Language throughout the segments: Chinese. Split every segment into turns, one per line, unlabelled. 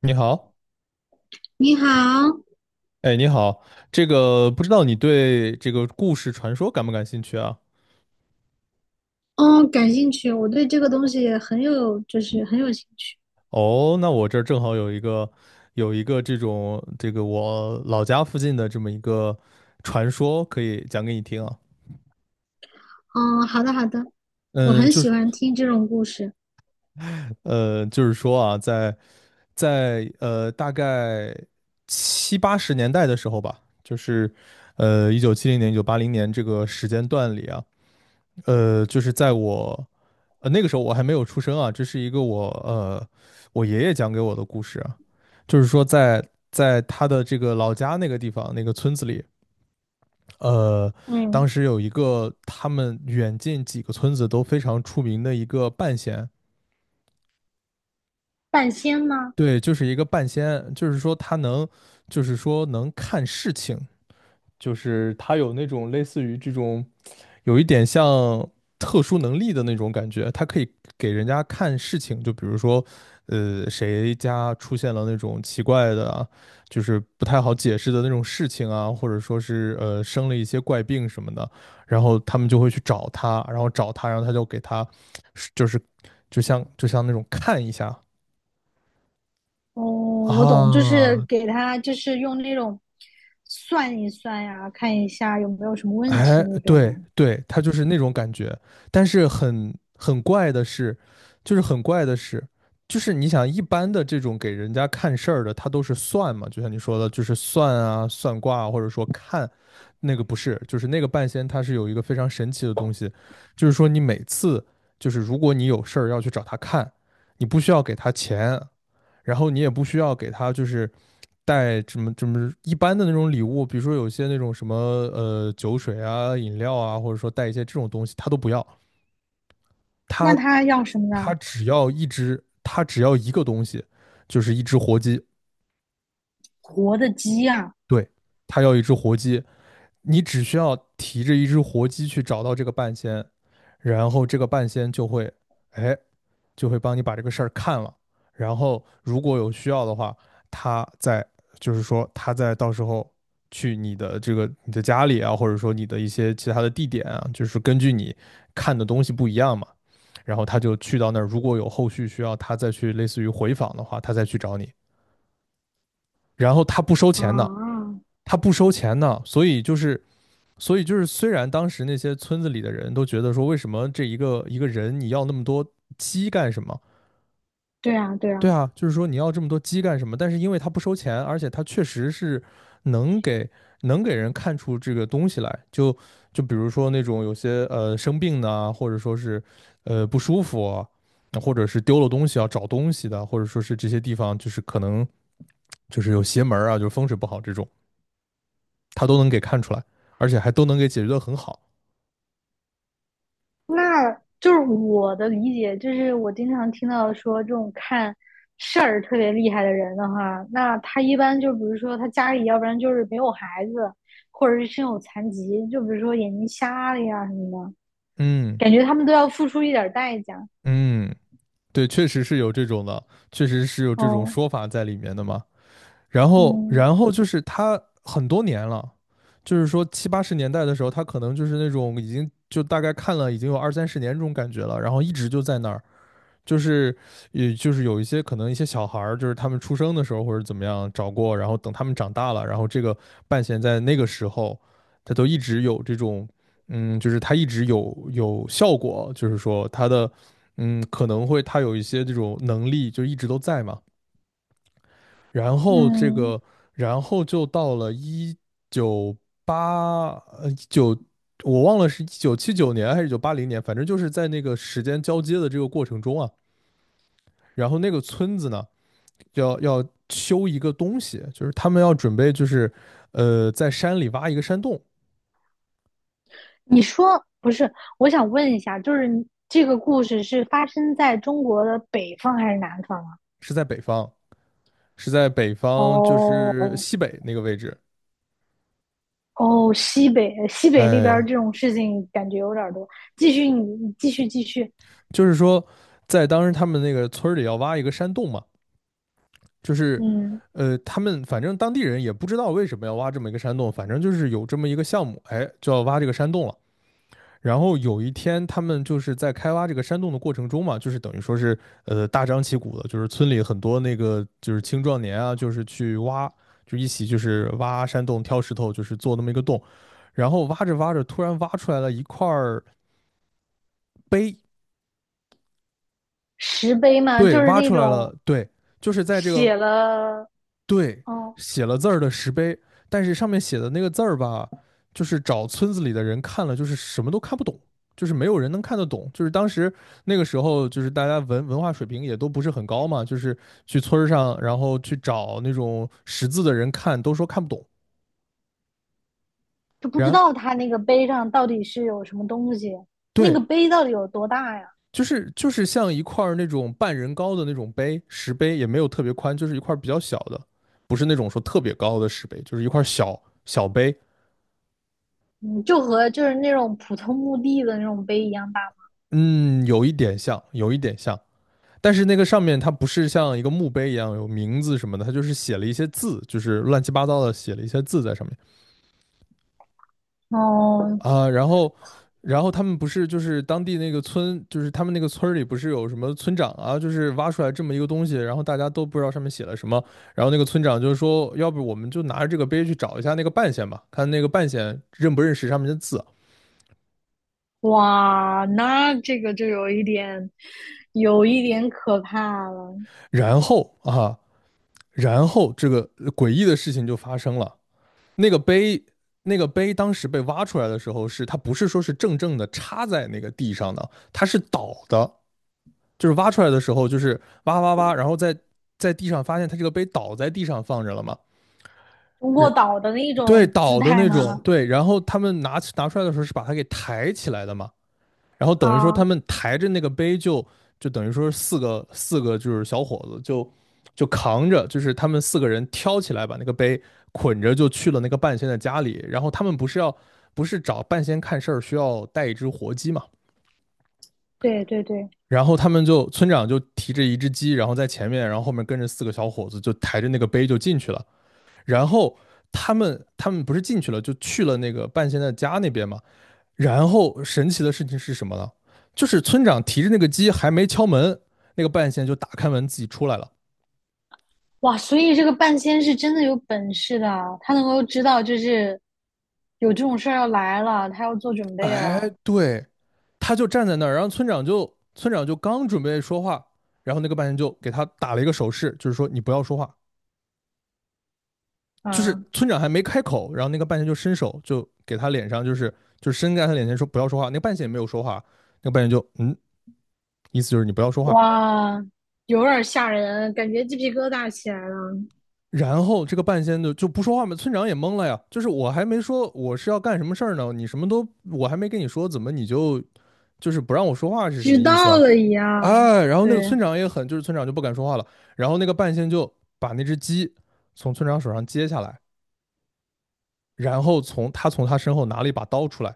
你好。
你好。
哎，你好。这个不知道你对这个故事传说感不感兴趣啊？
哦，感兴趣，我对这个东西也很有，很有兴趣。
哦，那我这儿正好有一个这种这个我老家附近的这么一个传说可以讲给你听啊。
嗯，好的好的，我
嗯，
很
就
喜
是
欢听这种故事。
就是说啊，在大概七八十年代的时候吧，就是1970年、一九八零年这个时间段里啊。就是在我那个时候我还没有出生啊，这是一个我我爷爷讲给我的故事啊。就是说在他的这个老家那个地方那个村子里，呃，当
嗯，
时有一个他们远近几个村子都非常出名的一个半仙。
半仙吗？
对，就是一个半仙，就是说他能，就是说能看事情，就是他有那种类似于这种。有一点像特殊能力的那种感觉，他可以给人家看事情。就比如说，谁家出现了那种奇怪的啊就是不太好解释的那种事情啊，或者说是生了一些怪病什么的。然后他们就会去找他，然后他就给他就是就像那种看一下
哦，我懂，就是
啊。
给他，就是用那种算一算呀，看一下有没有什么问
哎，
题那种
对
吗？
对，他就是那种感觉。但是很怪的是，就是很怪的是，就是你想一般的这种给人家看事儿的，他都是算嘛。就像你说的，就是算啊、算卦啊或者说看那个不是，就是那个半仙，他是有一个非常神奇的东西。就是说你每次就是如果你有事儿要去找他看，你不需要给他钱，然后你也不需要给他就是带什么什么一般的那种礼物。比如说有些那种什么酒水啊、饮料啊，或者说带一些这种东西，他都不要。
那
他
他要什么
他
呢？
只要一只，他只要一个东西，就是一只活鸡。
活的鸡呀？
对，他要一只活鸡。你只需要提着一只活鸡去找到这个半仙，然后这个半仙就会哎就会帮你把这个事儿看了。然后如果有需要的话，他在就是说他在到时候去你的你的家里啊，或者说你的一些其他的地点啊，就是根据你看的东西不一样嘛。然后他就去到那儿，如果有后续需要他再去类似于回访的话，他再去找你，然后他不收钱的。
啊，
他不收钱的，所以就是。所以就是，虽然当时那些村子里的人都觉得说，为什么这一个一个人你要那么多鸡干什么？
对啊对
对
啊，
啊，就是说你要这么多鸡干什么？但是因为它不收钱，而且它确实是能给能给人看出这个东西来。就就比如说那种有些生病的啊或者说是不舒服啊或者是丢了东西要找东西的，或者说是这些地方就是可能就是有邪门儿啊，就是风水不好这种，它都能给看出来，而且还都能给解决得很好。
那就是我的理解，就是我经常听到说这种看事儿特别厉害的人的话，那他一般就比如说他家里要不然就是没有孩子，或者是身有残疾，就比如说眼睛瞎了呀什么的，
嗯。
感觉他们都要付出一点代价。
嗯，对，确实是有这种的，确实是有这种
哦，
说法在里面的嘛。然后，
嗯
然后就是他很多年了。就是说七八十年代的时候，他可能就是那种已经就大概看了已经有二三十年这种感觉了，然后一直就在那儿。就是也就是有一些可能一些小孩儿，就是他们出生的时候或者怎么样找过，然后等他们长大了，然后这个半弦在那个时候，他都一直有这种，嗯，就是他一直有效果。就是说他的，嗯，可能会他有一些这种能力就一直都在嘛。然后这
嗯，
个，然后就到了一九八呃一九，我忘了是1979年还是一九八零年，反正就是在那个时间交接的这个过程中啊。然后那个村子呢要修一个东西。就是他们要准备就是在山里挖一个山洞。
你说不是？我想问一下，就是你这个故事是发生在中国的北方还是南方啊？
是在北方，是在北方就是
哦，
西北那个位置。
哦，西北，西北那边儿
哎，
这种事情感觉有点儿多。继续你继续，继续。
就是说在当时他们那个村儿里要挖一个山洞嘛。就是
嗯，
他们反正当地人也不知道为什么要挖这么一个山洞，反正就是有这么一个项目。哎，就要挖这个山洞了。然后有一天，他们就是在开挖这个山洞的过程中嘛。就是等于说是大张旗鼓的，就是村里很多那个就是青壮年啊，就是去挖，就一起就是挖山洞、挑石头，就是做那么一个洞。然后挖着挖着，突然挖出来了一块儿碑。
石碑嘛，
对，
就是
挖
那
出来
种
了，对，就是在这个
写了，
对，
哦，
写了字儿的石碑。但是上面写的那个字儿吧，就是找村子里的人看了，就是什么都看不懂，就是没有人能看得懂。就是当时那个时候，就是大家文化水平也都不是很高嘛，就是去村儿上，然后去找那种识字的人看，都说看不懂。
就不知
然
道他那个碑上到底是有什么东西，那
对，
个碑到底有多大呀？
就是就是像一块儿那种半人高的那种碑，石碑也没有特别宽，就是一块儿比较小的，不是那种说特别高的石碑，就是一块儿小小碑。
嗯，就和就是那种普通墓地的那种碑一样大
嗯，有一点像，有一点像。但是那个上面它不是像一个墓碑一样有名字什么的，它就是写了一些字，就是乱七八糟的写了一些字在上面
吗。哦，
啊。然后他们不是就是当地那个村，就是他们那个村里不是有什么村长啊，就是挖出来这么一个东西，然后大家都不知道上面写了什么。然后那个村长就是说，要不我们就拿着这个碑去找一下那个半仙吧，看那个半仙认不认识上面的字。
哇，那这个就有一点，有一点可怕了。
然后啊，然后这个诡异的事情就发生了。那个碑，那个碑当时被挖出来的时候是，它不是说是正正的插在那个地上的，它是倒的。就是挖出来的时候就是挖挖挖，然后在地上发现它这个碑倒在地上放着了嘛。
卧
是
倒的那
对
种姿
倒的
态
那
吗？
种，对，然后他们拿出来的时候是把它给抬起来的嘛。然后等于说他
啊，
们抬着那个杯就就等于说四个就是小伙子就就扛着。就是他们四个人挑起来把那个杯捆着就去了那个半仙的家里。然后他们不是要不是找半仙看事儿需要带一只活鸡嘛。
对对对。
然后他们就村长就提着一只鸡，然后在前面，然后后面跟着四个小伙子就抬着那个杯就进去了。然后。他们不是进去了，就去了那个半仙的家那边嘛。然后神奇的事情是什么呢？就是村长提着那个鸡还没敲门，那个半仙就打开门自己出来了。
哇，所以这个半仙是真的有本事的啊，他能够知道就是有这种事儿要来了，他要做准备
哎，
了。
对，他就站在那儿，然后村长就刚准备说话。然后那个半仙就给他打了一个手势，就是说你不要说话。就是
嗯，
村长还没开口，然后那个半仙就伸手就给他脸上，就是就伸在他脸前说不要说话。那个半仙也没有说话，那个半仙就意思就是你不要说话。
哇，有点吓人，感觉鸡皮疙瘩起来了，
然后这个半仙就不说话嘛，村长也懵了呀。就是我还没说我是要干什么事儿呢，你什么都我还没跟你说，怎么你就不让我说话是什么
知
意思
道
啊？
了一样。
哎，然后
对，
那个村长也很，就是村长就不敢说话了。然后那个半仙就把那只鸡从村长手上接下来，然后从他身后拿了一把刀出来，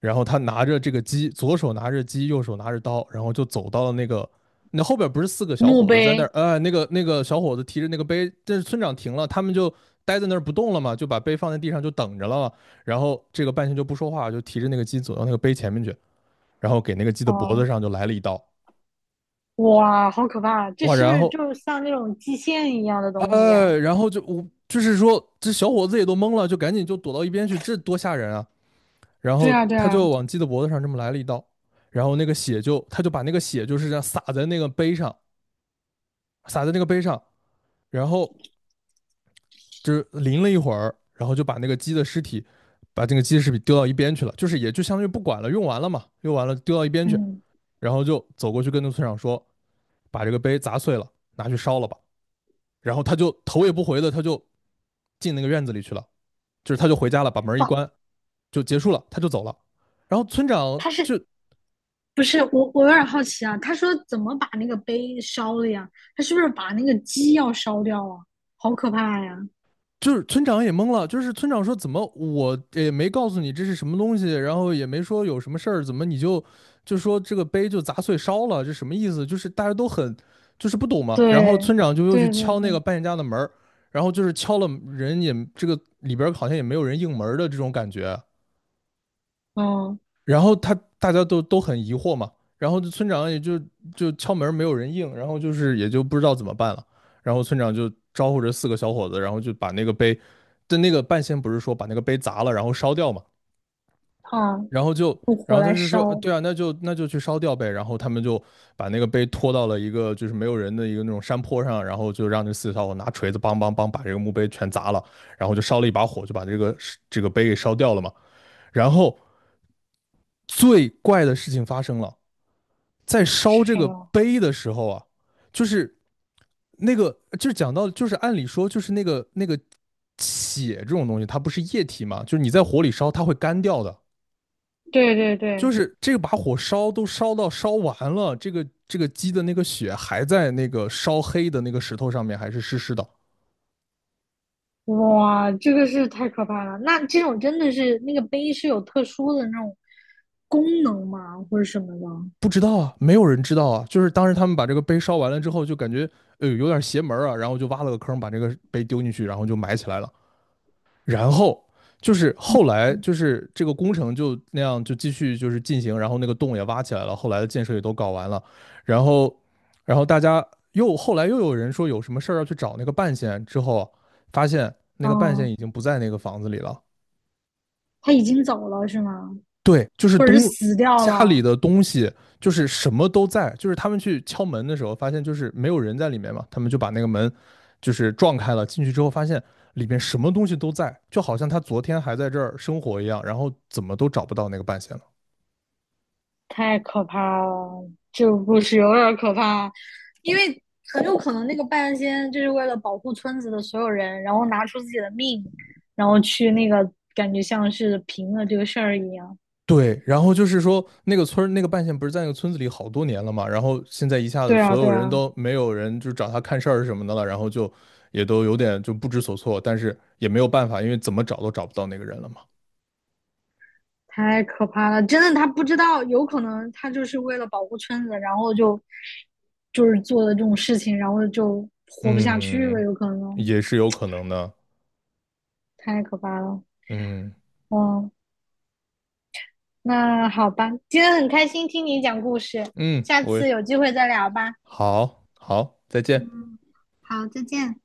然后他拿着这个鸡，左手拿着鸡，右手拿着刀，然后就走到了那个，那后边不是四个小
墓
伙子在那
碑，
儿，那个小伙子提着那个杯，但是村长停了，他们就待在那儿不动了嘛，就把杯放在地上就等着了。然后这个半仙就不说话，就提着那个鸡走到那个杯前面去，然后给那个鸡的脖子
哦，
上就来了一刀。
哇，好可怕啊！这
哇，
是不
然
是
后，
就像那种祭献一样的东西呀？
哎，然后就我就是说这小伙子也都懵了，就赶紧就躲到一边去，这多吓人啊！然
对
后
啊，对
他就
啊，
往鸡的脖子上这么来了一刀，然后那个血就他就把那个血就是这样洒在那个杯上，洒在那个杯上，然后就是淋了一会儿，然后就把那个鸡的尸体，把这个鸡的尸体丢到一边去了，就是也就相当于不管了，用完了嘛，用完了丢到一边去，
嗯，
然后就走过去跟那村长说，把这个杯砸碎了，拿去烧了吧。然后他就头也不回的他就进那个院子里去了，就是他就回家了，把门一
不，
关就结束了，他就走了。然后村长
它
就
是不是我有点好奇啊。他说怎么把那个碑烧了呀？他是不是把那个鸡要烧掉啊？好可怕呀！
就是村长也懵了，就是村长说怎么我也没告诉你这是什么东西，然后也没说有什么事儿，怎么你就就说这个碑就砸碎烧了，这什么意思？就是大家都很就是不懂嘛。然后
对，
村长就又去
对对
敲那个
对，
扮演家的门儿，然后就是敲了人也这个里边儿好像也没有人应门儿的这种感觉，
嗯
然后他大家都很疑惑嘛，然后村长也就就敲门没有人应，然后就是也就不知道怎么办了，然后村长就招呼着四个小伙子，然后就把那个碑，但那个半仙不是说把那个碑砸了然后烧掉嘛，
啊，
然后就
用
然
火
后他
来
就说，
烧
对啊，那就去烧掉呗，然后他们就把那个碑拖到了一个就是没有人的一个那种山坡上，然后就让这四个小伙拿锤子梆梆梆把这个墓碑全砸了，然后就烧了一把火，就把这个碑给烧掉了嘛。然后最怪的事情发生了。在
是
烧这
什
个
么？
碑的时候啊，就是那个就是讲到就是按理说就是那个血这种东西，它不是液体嘛，就是你在火里烧它会干掉的。
对对
就
对，
是这个把火烧都烧到烧完了，这个鸡的那个血还在那个烧黑的那个石头上面，还是湿湿的。
哇，这个是太可怕了。那这种真的是那个碑是有特殊的那种功能吗？或者什么的？
不知道啊，没有人知道啊。就是当时他们把这个碑烧完了之后，就感觉有点邪门啊，然后就挖了个坑，把这个碑丢进去，然后就埋起来了。然后就是后来就是这个工程就那样就继续就是进行，然后那个洞也挖起来了，后来的建设也都搞完了，然后大家又后来又有人说有什么事儿要去找那个半仙，之后啊发现那个半仙
嗯，
已经不在那个房子里了。
他已经走了是吗？
对，就是
或者是
东
死掉
家里
了？
的东西，就是什么都在，就是他们去敲门的时候，发现就是没有人在里面嘛，他们就把那个门就是撞开了，进去之后发现里面什么东西都在，就好像他昨天还在这儿生活一样，然后怎么都找不到那个半仙了。
太可怕了，这个故事有点可怕，因为很有可能那个半仙就是为了保护村子的所有人，然后拿出自己的命，然后去那个感觉像是平了这个事儿一样。
对，然后就是说那个村那个半仙不是在那个村子里好多年了嘛，然后现在一下子
对
所
啊，
有
对
人
啊，
都没有人就找他看事儿什么的了，然后就也都有点就不知所措，但是也没有办法，因为怎么找都找不到那个人了嘛。
太可怕了，真的，他不知道，有可能他就是为了保护村子，然后就是做的这种事情，然后就活不下去了，
嗯，
有可能。
也是有可能的。
太可怕了，
嗯。
嗯。那好吧，今天很开心听你讲故事，
嗯，
下
我
次
也
有机会再聊吧。
好好，再见。
嗯，好，再见。